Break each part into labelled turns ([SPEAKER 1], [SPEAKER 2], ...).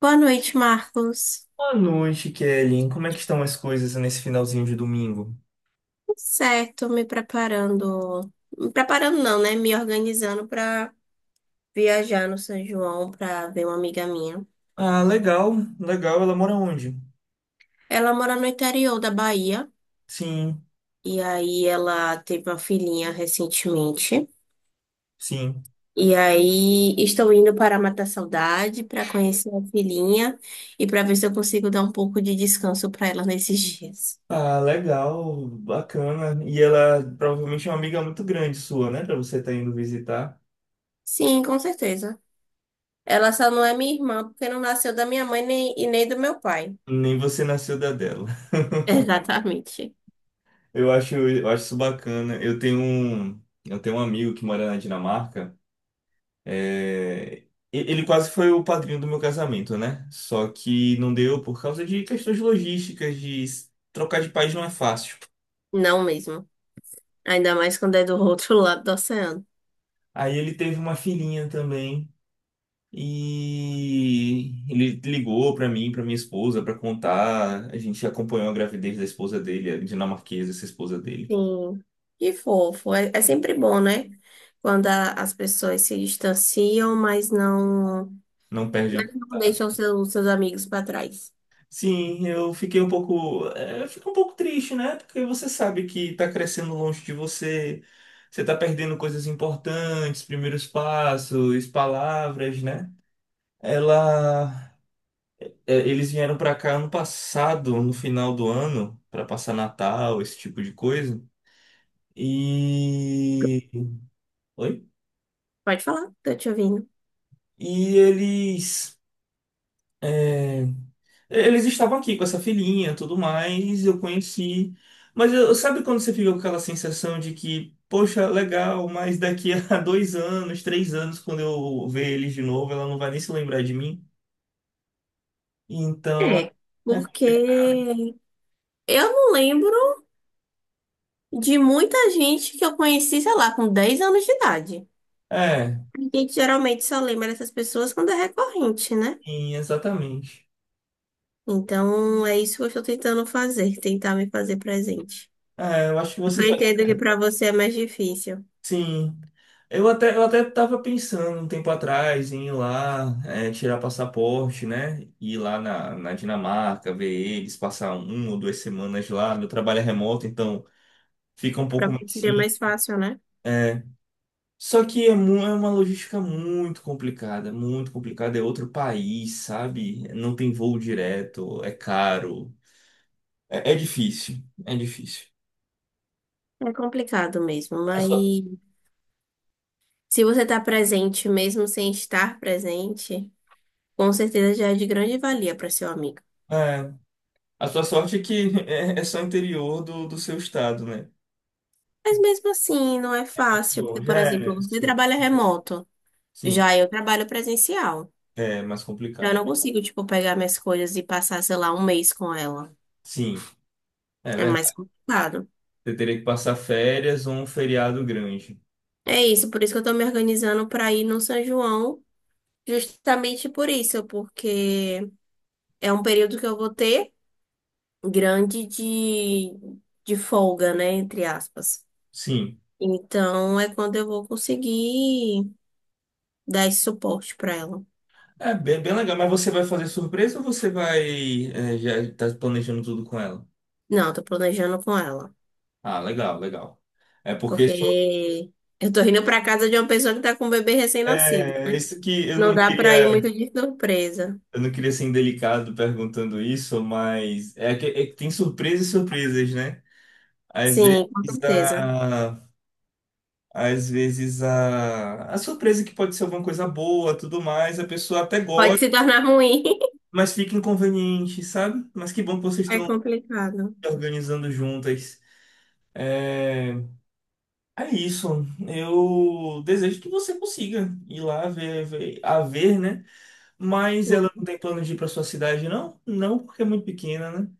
[SPEAKER 1] Boa noite, Marcos.
[SPEAKER 2] Boa noite, Kelly. Como é que estão as coisas nesse finalzinho de domingo?
[SPEAKER 1] Tudo certo, me preparando. Me preparando não, né? Me organizando para viajar no São João para ver uma amiga minha.
[SPEAKER 2] Ah, legal, legal. Ela mora onde?
[SPEAKER 1] Ela mora no interior da Bahia
[SPEAKER 2] Sim,
[SPEAKER 1] e aí ela teve uma filhinha recentemente.
[SPEAKER 2] sim.
[SPEAKER 1] E aí estou indo para matar saudade, para conhecer a filhinha e para ver se eu consigo dar um pouco de descanso para ela nesses dias.
[SPEAKER 2] Ah, legal, bacana. E ela provavelmente é uma amiga muito grande sua, né? Pra você estar indo visitar.
[SPEAKER 1] Sim, com certeza. Ela só não é minha irmã porque não nasceu da minha mãe nem, e nem do meu pai.
[SPEAKER 2] Nem você nasceu da dela.
[SPEAKER 1] Exatamente.
[SPEAKER 2] Eu acho isso bacana. Eu tenho um amigo que mora na Dinamarca. É, e- Ele quase foi o padrinho do meu casamento, né? Só que não deu por causa de questões logísticas, de trocar de país não é fácil.
[SPEAKER 1] Não mesmo. Ainda mais quando é do outro lado do oceano.
[SPEAKER 2] Aí ele teve uma filhinha também e ele ligou pra mim, pra minha esposa, pra contar. A gente acompanhou a gravidez da esposa dele, a dinamarquesa, essa esposa dele.
[SPEAKER 1] Sim. Que fofo. É, é sempre bom, né? Quando as pessoas se distanciam,
[SPEAKER 2] Não perde
[SPEAKER 1] mas
[SPEAKER 2] um.
[SPEAKER 1] não deixam seus amigos para trás.
[SPEAKER 2] Sim, eu fiquei um pouco, eu fico um pouco triste, né? Porque você sabe que tá crescendo longe de você, você tá perdendo coisas importantes, primeiros passos, palavras, né? Ela, eles vieram pra cá ano passado, no final do ano, pra passar Natal, esse tipo de coisa. E, oi?
[SPEAKER 1] Pode falar, tô te ouvindo.
[SPEAKER 2] E eles, é, Eles estavam aqui com essa filhinha, tudo mais, eu conheci. Mas eu, sabe quando você fica com aquela sensação de que, poxa, legal, mas daqui a dois anos, três anos, quando eu ver eles de novo, ela não vai nem se lembrar de mim? Então,
[SPEAKER 1] É, porque eu não lembro de muita gente que eu conheci, sei lá, com 10 anos de idade.
[SPEAKER 2] é, é,
[SPEAKER 1] A gente geralmente só lembra dessas pessoas quando é recorrente, né?
[SPEAKER 2] sim, exatamente.
[SPEAKER 1] Então, é isso que eu estou tentando fazer, tentar me fazer presente.
[SPEAKER 2] É, eu acho que você
[SPEAKER 1] Eu
[SPEAKER 2] faz.
[SPEAKER 1] entendo que para você é mais difícil,
[SPEAKER 2] Sim. Eu até estava pensando um tempo atrás em ir lá, tirar passaporte, né? Ir lá na Dinamarca, ver eles, passar uma ou duas semanas lá. Meu trabalho é remoto, então fica um
[SPEAKER 1] para
[SPEAKER 2] pouco mais
[SPEAKER 1] você seria
[SPEAKER 2] sim.
[SPEAKER 1] mais fácil, né?
[SPEAKER 2] É. Só que é uma logística muito complicada, muito complicada. É outro país, sabe? Não tem voo direto, é caro. É, é difícil, é difícil.
[SPEAKER 1] É complicado mesmo,
[SPEAKER 2] A
[SPEAKER 1] mas
[SPEAKER 2] sua,
[SPEAKER 1] se você está presente mesmo sem estar presente, com certeza já é de grande valia para seu amigo.
[SPEAKER 2] é, a sua sorte é que é só interior do seu estado, né?
[SPEAKER 1] Mas mesmo assim, não é fácil, porque,
[SPEAKER 2] Bom,
[SPEAKER 1] por
[SPEAKER 2] já é,
[SPEAKER 1] exemplo,
[SPEAKER 2] né?
[SPEAKER 1] você
[SPEAKER 2] Sim.
[SPEAKER 1] trabalha
[SPEAKER 2] Bom,
[SPEAKER 1] remoto,
[SPEAKER 2] sim,
[SPEAKER 1] já eu trabalho presencial.
[SPEAKER 2] é mais
[SPEAKER 1] Eu
[SPEAKER 2] complicado.
[SPEAKER 1] não consigo, tipo, pegar minhas coisas e passar, sei lá, um mês com ela.
[SPEAKER 2] Sim, é
[SPEAKER 1] É mais
[SPEAKER 2] verdade.
[SPEAKER 1] complicado.
[SPEAKER 2] Você teria que passar férias ou um feriado grande.
[SPEAKER 1] É isso, por isso que eu tô me organizando para ir no São João, justamente por isso, porque é um período que eu vou ter grande de folga, né, entre aspas.
[SPEAKER 2] Sim.
[SPEAKER 1] Então é quando eu vou conseguir dar esse suporte para ela.
[SPEAKER 2] É bem, bem legal, mas você vai fazer surpresa ou você vai, já tá planejando tudo com ela?
[SPEAKER 1] Não, tô planejando com ela,
[SPEAKER 2] Ah, legal, legal. É porque isso,
[SPEAKER 1] porque eu tô indo para casa de uma pessoa que tá com um bebê recém-nascido.
[SPEAKER 2] isso que
[SPEAKER 1] Não dá para ir muito de surpresa.
[SPEAKER 2] eu não queria ser indelicado perguntando isso, mas é que tem surpresas e surpresas, né? Às
[SPEAKER 1] Sim, com
[SPEAKER 2] vezes
[SPEAKER 1] certeza.
[SPEAKER 2] a Às vezes a surpresa que pode ser alguma coisa boa, tudo mais, a pessoa até
[SPEAKER 1] Pode
[SPEAKER 2] gosta,
[SPEAKER 1] se tornar ruim.
[SPEAKER 2] mas fica inconveniente, sabe? Mas que bom que vocês
[SPEAKER 1] É
[SPEAKER 2] estão
[SPEAKER 1] complicado.
[SPEAKER 2] organizando juntas. É, é isso. Eu desejo que você consiga ir lá ver, ver- a ver, né? Mas ela não tem plano de ir para sua cidade, não? Não, porque é muito pequena, né?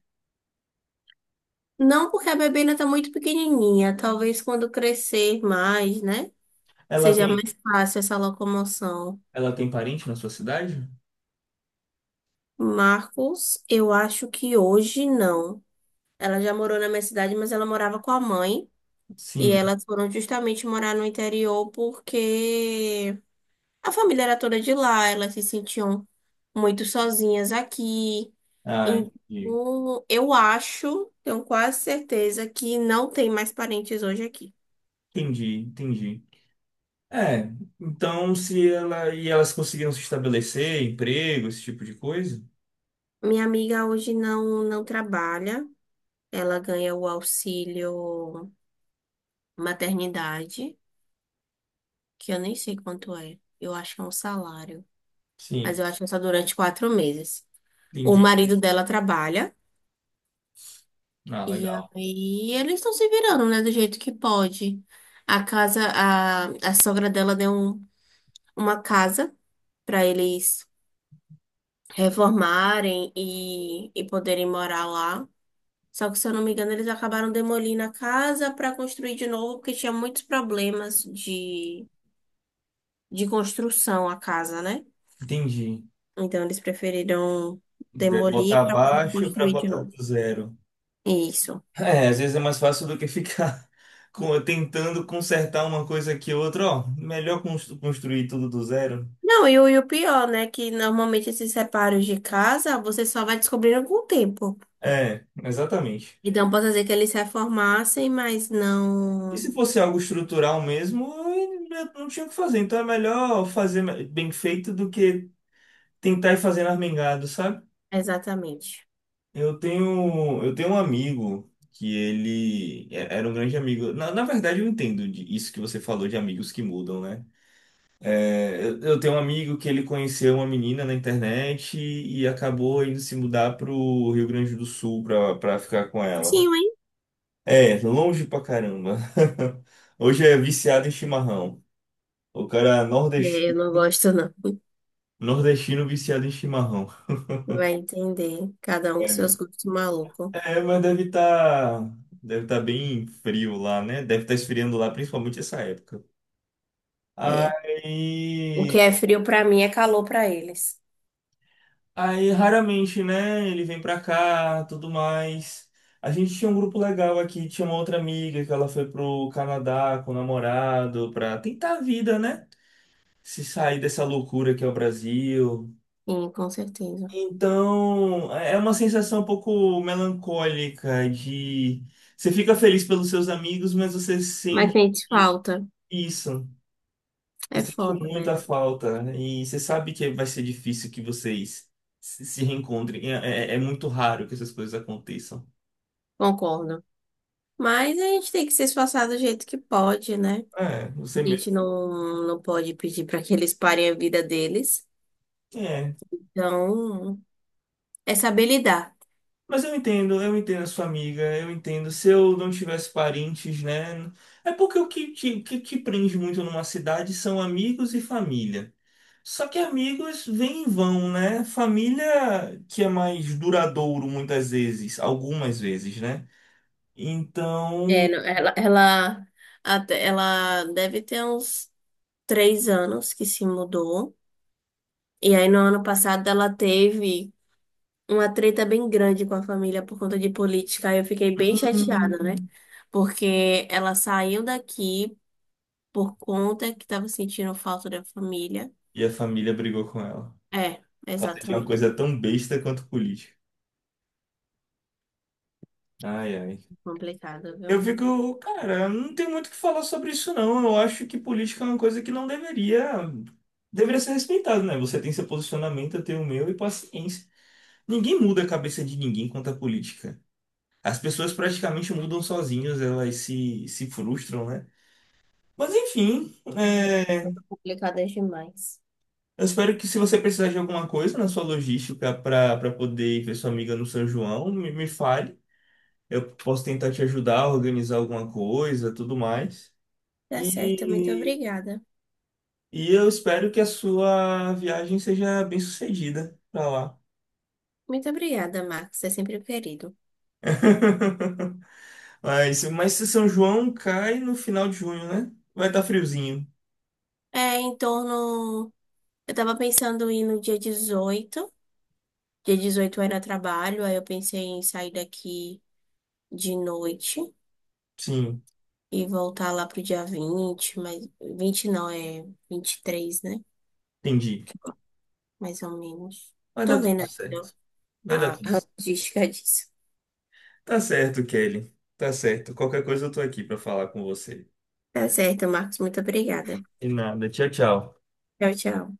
[SPEAKER 1] Não porque a bebê ainda está muito pequenininha. Talvez quando crescer mais, né?
[SPEAKER 2] Ela
[SPEAKER 1] Seja
[SPEAKER 2] tem,
[SPEAKER 1] mais fácil essa locomoção.
[SPEAKER 2] ela tem parente na sua cidade?
[SPEAKER 1] Marcos, eu acho que hoje não. Ela já morou na minha cidade, mas ela morava com a mãe. E
[SPEAKER 2] Sim.
[SPEAKER 1] elas foram justamente morar no interior porque a família era toda de lá. Elas se sentiam muito sozinhas aqui.
[SPEAKER 2] Ah, entendi,
[SPEAKER 1] Então, eu acho, tenho quase certeza que não tem mais parentes hoje aqui.
[SPEAKER 2] entendi. Entendi. É, então se ela e elas conseguiram se estabelecer, emprego, esse tipo de coisa?
[SPEAKER 1] Minha amiga hoje não, não trabalha, ela ganha o auxílio maternidade, que eu nem sei quanto é, eu acho que é um salário, mas
[SPEAKER 2] Sim,
[SPEAKER 1] eu acho que é só durante 4 meses. O
[SPEAKER 2] entendi.
[SPEAKER 1] marido dela trabalha
[SPEAKER 2] Ah,
[SPEAKER 1] e
[SPEAKER 2] legal.
[SPEAKER 1] aí eles estão se virando, né, do jeito que pode. A casa, a sogra dela deu uma casa para eles reformarem e poderem morar lá. Só que, se eu não me engano, eles acabaram demolindo a casa para construir de novo, porque tinha muitos problemas de construção a casa, né?
[SPEAKER 2] Entendi.
[SPEAKER 1] Então, eles preferiram
[SPEAKER 2] Vai
[SPEAKER 1] demolir
[SPEAKER 2] botar
[SPEAKER 1] para poder
[SPEAKER 2] abaixo para
[SPEAKER 1] construir de
[SPEAKER 2] botar
[SPEAKER 1] novo.
[SPEAKER 2] do zero.
[SPEAKER 1] Isso.
[SPEAKER 2] É, às vezes é mais fácil do que ficar tentando consertar uma coisa que outra, ó, melhor construir tudo do zero.
[SPEAKER 1] Não, e o pior, né? Que normalmente esses reparos de casa você só vai descobrindo com o tempo.
[SPEAKER 2] É, exatamente.
[SPEAKER 1] Então, posso dizer que eles se reformassem, mas
[SPEAKER 2] E
[SPEAKER 1] não
[SPEAKER 2] se fosse algo estrutural mesmo, eu não tinha o que fazer. Então é melhor fazer bem feito do que tentar ir fazendo armengado, sabe?
[SPEAKER 1] exatamente.
[SPEAKER 2] Eu tenho um amigo que era um grande amigo. Na verdade, eu entendo isso que você falou de amigos que mudam, né? Eu tenho um amigo que ele conheceu uma menina na internet e acabou indo se mudar pro Rio Grande do Sul pra ficar com ela.
[SPEAKER 1] Sim, hein?
[SPEAKER 2] É, longe pra caramba. Hoje é viciado em chimarrão. O cara é
[SPEAKER 1] É, eu
[SPEAKER 2] nordesti-
[SPEAKER 1] não gosto, não.
[SPEAKER 2] Nordestino viciado em chimarrão.
[SPEAKER 1] Vai entender. Cada um com seus
[SPEAKER 2] É,
[SPEAKER 1] gostos malucos.
[SPEAKER 2] é, mas deve tá bem frio lá, né? Deve estar esfriando lá, principalmente essa época.
[SPEAKER 1] É. O que
[SPEAKER 2] Aí,
[SPEAKER 1] é frio pra mim é calor pra eles.
[SPEAKER 2] aí raramente, né? Ele vem pra cá, tudo mais. A gente tinha um grupo legal aqui, tinha uma outra amiga que ela foi pro Canadá com o namorado pra tentar a vida, né? Se sair dessa loucura que é o Brasil.
[SPEAKER 1] Sim, com certeza.
[SPEAKER 2] Então, é uma sensação um pouco melancólica de você fica feliz pelos seus amigos, mas você
[SPEAKER 1] Mas
[SPEAKER 2] sente.
[SPEAKER 1] sente falta.
[SPEAKER 2] Isso, eu
[SPEAKER 1] É
[SPEAKER 2] senti
[SPEAKER 1] foda,
[SPEAKER 2] muita
[SPEAKER 1] velho.
[SPEAKER 2] falta, né? E você sabe que vai ser difícil que vocês se reencontrem. É muito raro que essas coisas aconteçam.
[SPEAKER 1] Concordo. Mas a gente tem que se esforçar do jeito que pode, né?
[SPEAKER 2] É, você
[SPEAKER 1] A
[SPEAKER 2] mesmo.
[SPEAKER 1] gente não, não pode pedir pra que eles parem a vida deles.
[SPEAKER 2] É.
[SPEAKER 1] Então, é saber lidar.
[SPEAKER 2] Mas eu entendo a sua amiga, eu entendo. Se eu não tivesse parentes, né? É porque o que que te prende muito numa cidade são amigos e família. Só que amigos vêm e vão, né? Família que é mais duradouro muitas vezes, algumas vezes, né?
[SPEAKER 1] É,
[SPEAKER 2] Então.
[SPEAKER 1] não, ela deve ter uns 3 anos que se mudou. E aí, no ano passado, ela teve uma treta bem grande com a família por conta de política. Aí eu fiquei bem
[SPEAKER 2] Hum.
[SPEAKER 1] chateada, né? Porque ela saiu daqui por conta que tava sentindo falta da família.
[SPEAKER 2] E a família brigou com ela.
[SPEAKER 1] É,
[SPEAKER 2] Por causa de uma
[SPEAKER 1] exatamente.
[SPEAKER 2] coisa tão besta quanto política. Ai, ai.
[SPEAKER 1] Complicado,
[SPEAKER 2] Eu
[SPEAKER 1] viu?
[SPEAKER 2] fico, cara, não tem muito o que falar sobre isso, não. Eu acho que política é uma coisa que não deveria. Deveria ser respeitada, né? Você tem seu posicionamento, eu tenho o meu e paciência. Ninguém muda a cabeça de ninguém quanto à política. As pessoas praticamente mudam sozinhas, elas se frustram, né? Mas enfim, é,
[SPEAKER 1] Muito complicado é demais.
[SPEAKER 2] eu espero que se você precisar de alguma coisa na sua logística para poder ir ver sua amiga no São João, me fale. Eu posso tentar te ajudar a organizar alguma coisa, tudo mais.
[SPEAKER 1] Tá certo, muito
[SPEAKER 2] E,
[SPEAKER 1] obrigada.
[SPEAKER 2] e eu espero que a sua viagem seja bem sucedida pra lá.
[SPEAKER 1] Muito obrigada, Max. É sempre um querido.
[SPEAKER 2] Mas se São João cai no final de junho, né? Vai estar friozinho.
[SPEAKER 1] É, em torno. Eu tava pensando em ir no dia 18. Dia 18 eu era trabalho, aí eu pensei em sair daqui de noite.
[SPEAKER 2] Sim,
[SPEAKER 1] E voltar lá pro dia 20, mas 20 não, é 23, né?
[SPEAKER 2] entendi.
[SPEAKER 1] Mais ou menos.
[SPEAKER 2] Vai dar
[SPEAKER 1] Tô
[SPEAKER 2] tudo
[SPEAKER 1] vendo
[SPEAKER 2] certo. Vai dar
[SPEAKER 1] a
[SPEAKER 2] tudo certo.
[SPEAKER 1] logística disso.
[SPEAKER 2] Tá certo, Kelly. Tá certo. Qualquer coisa eu tô aqui pra falar com você.
[SPEAKER 1] Tá certo, Marcos. Muito obrigada.
[SPEAKER 2] E nada. Tchau, tchau.
[SPEAKER 1] Tchau, tchau.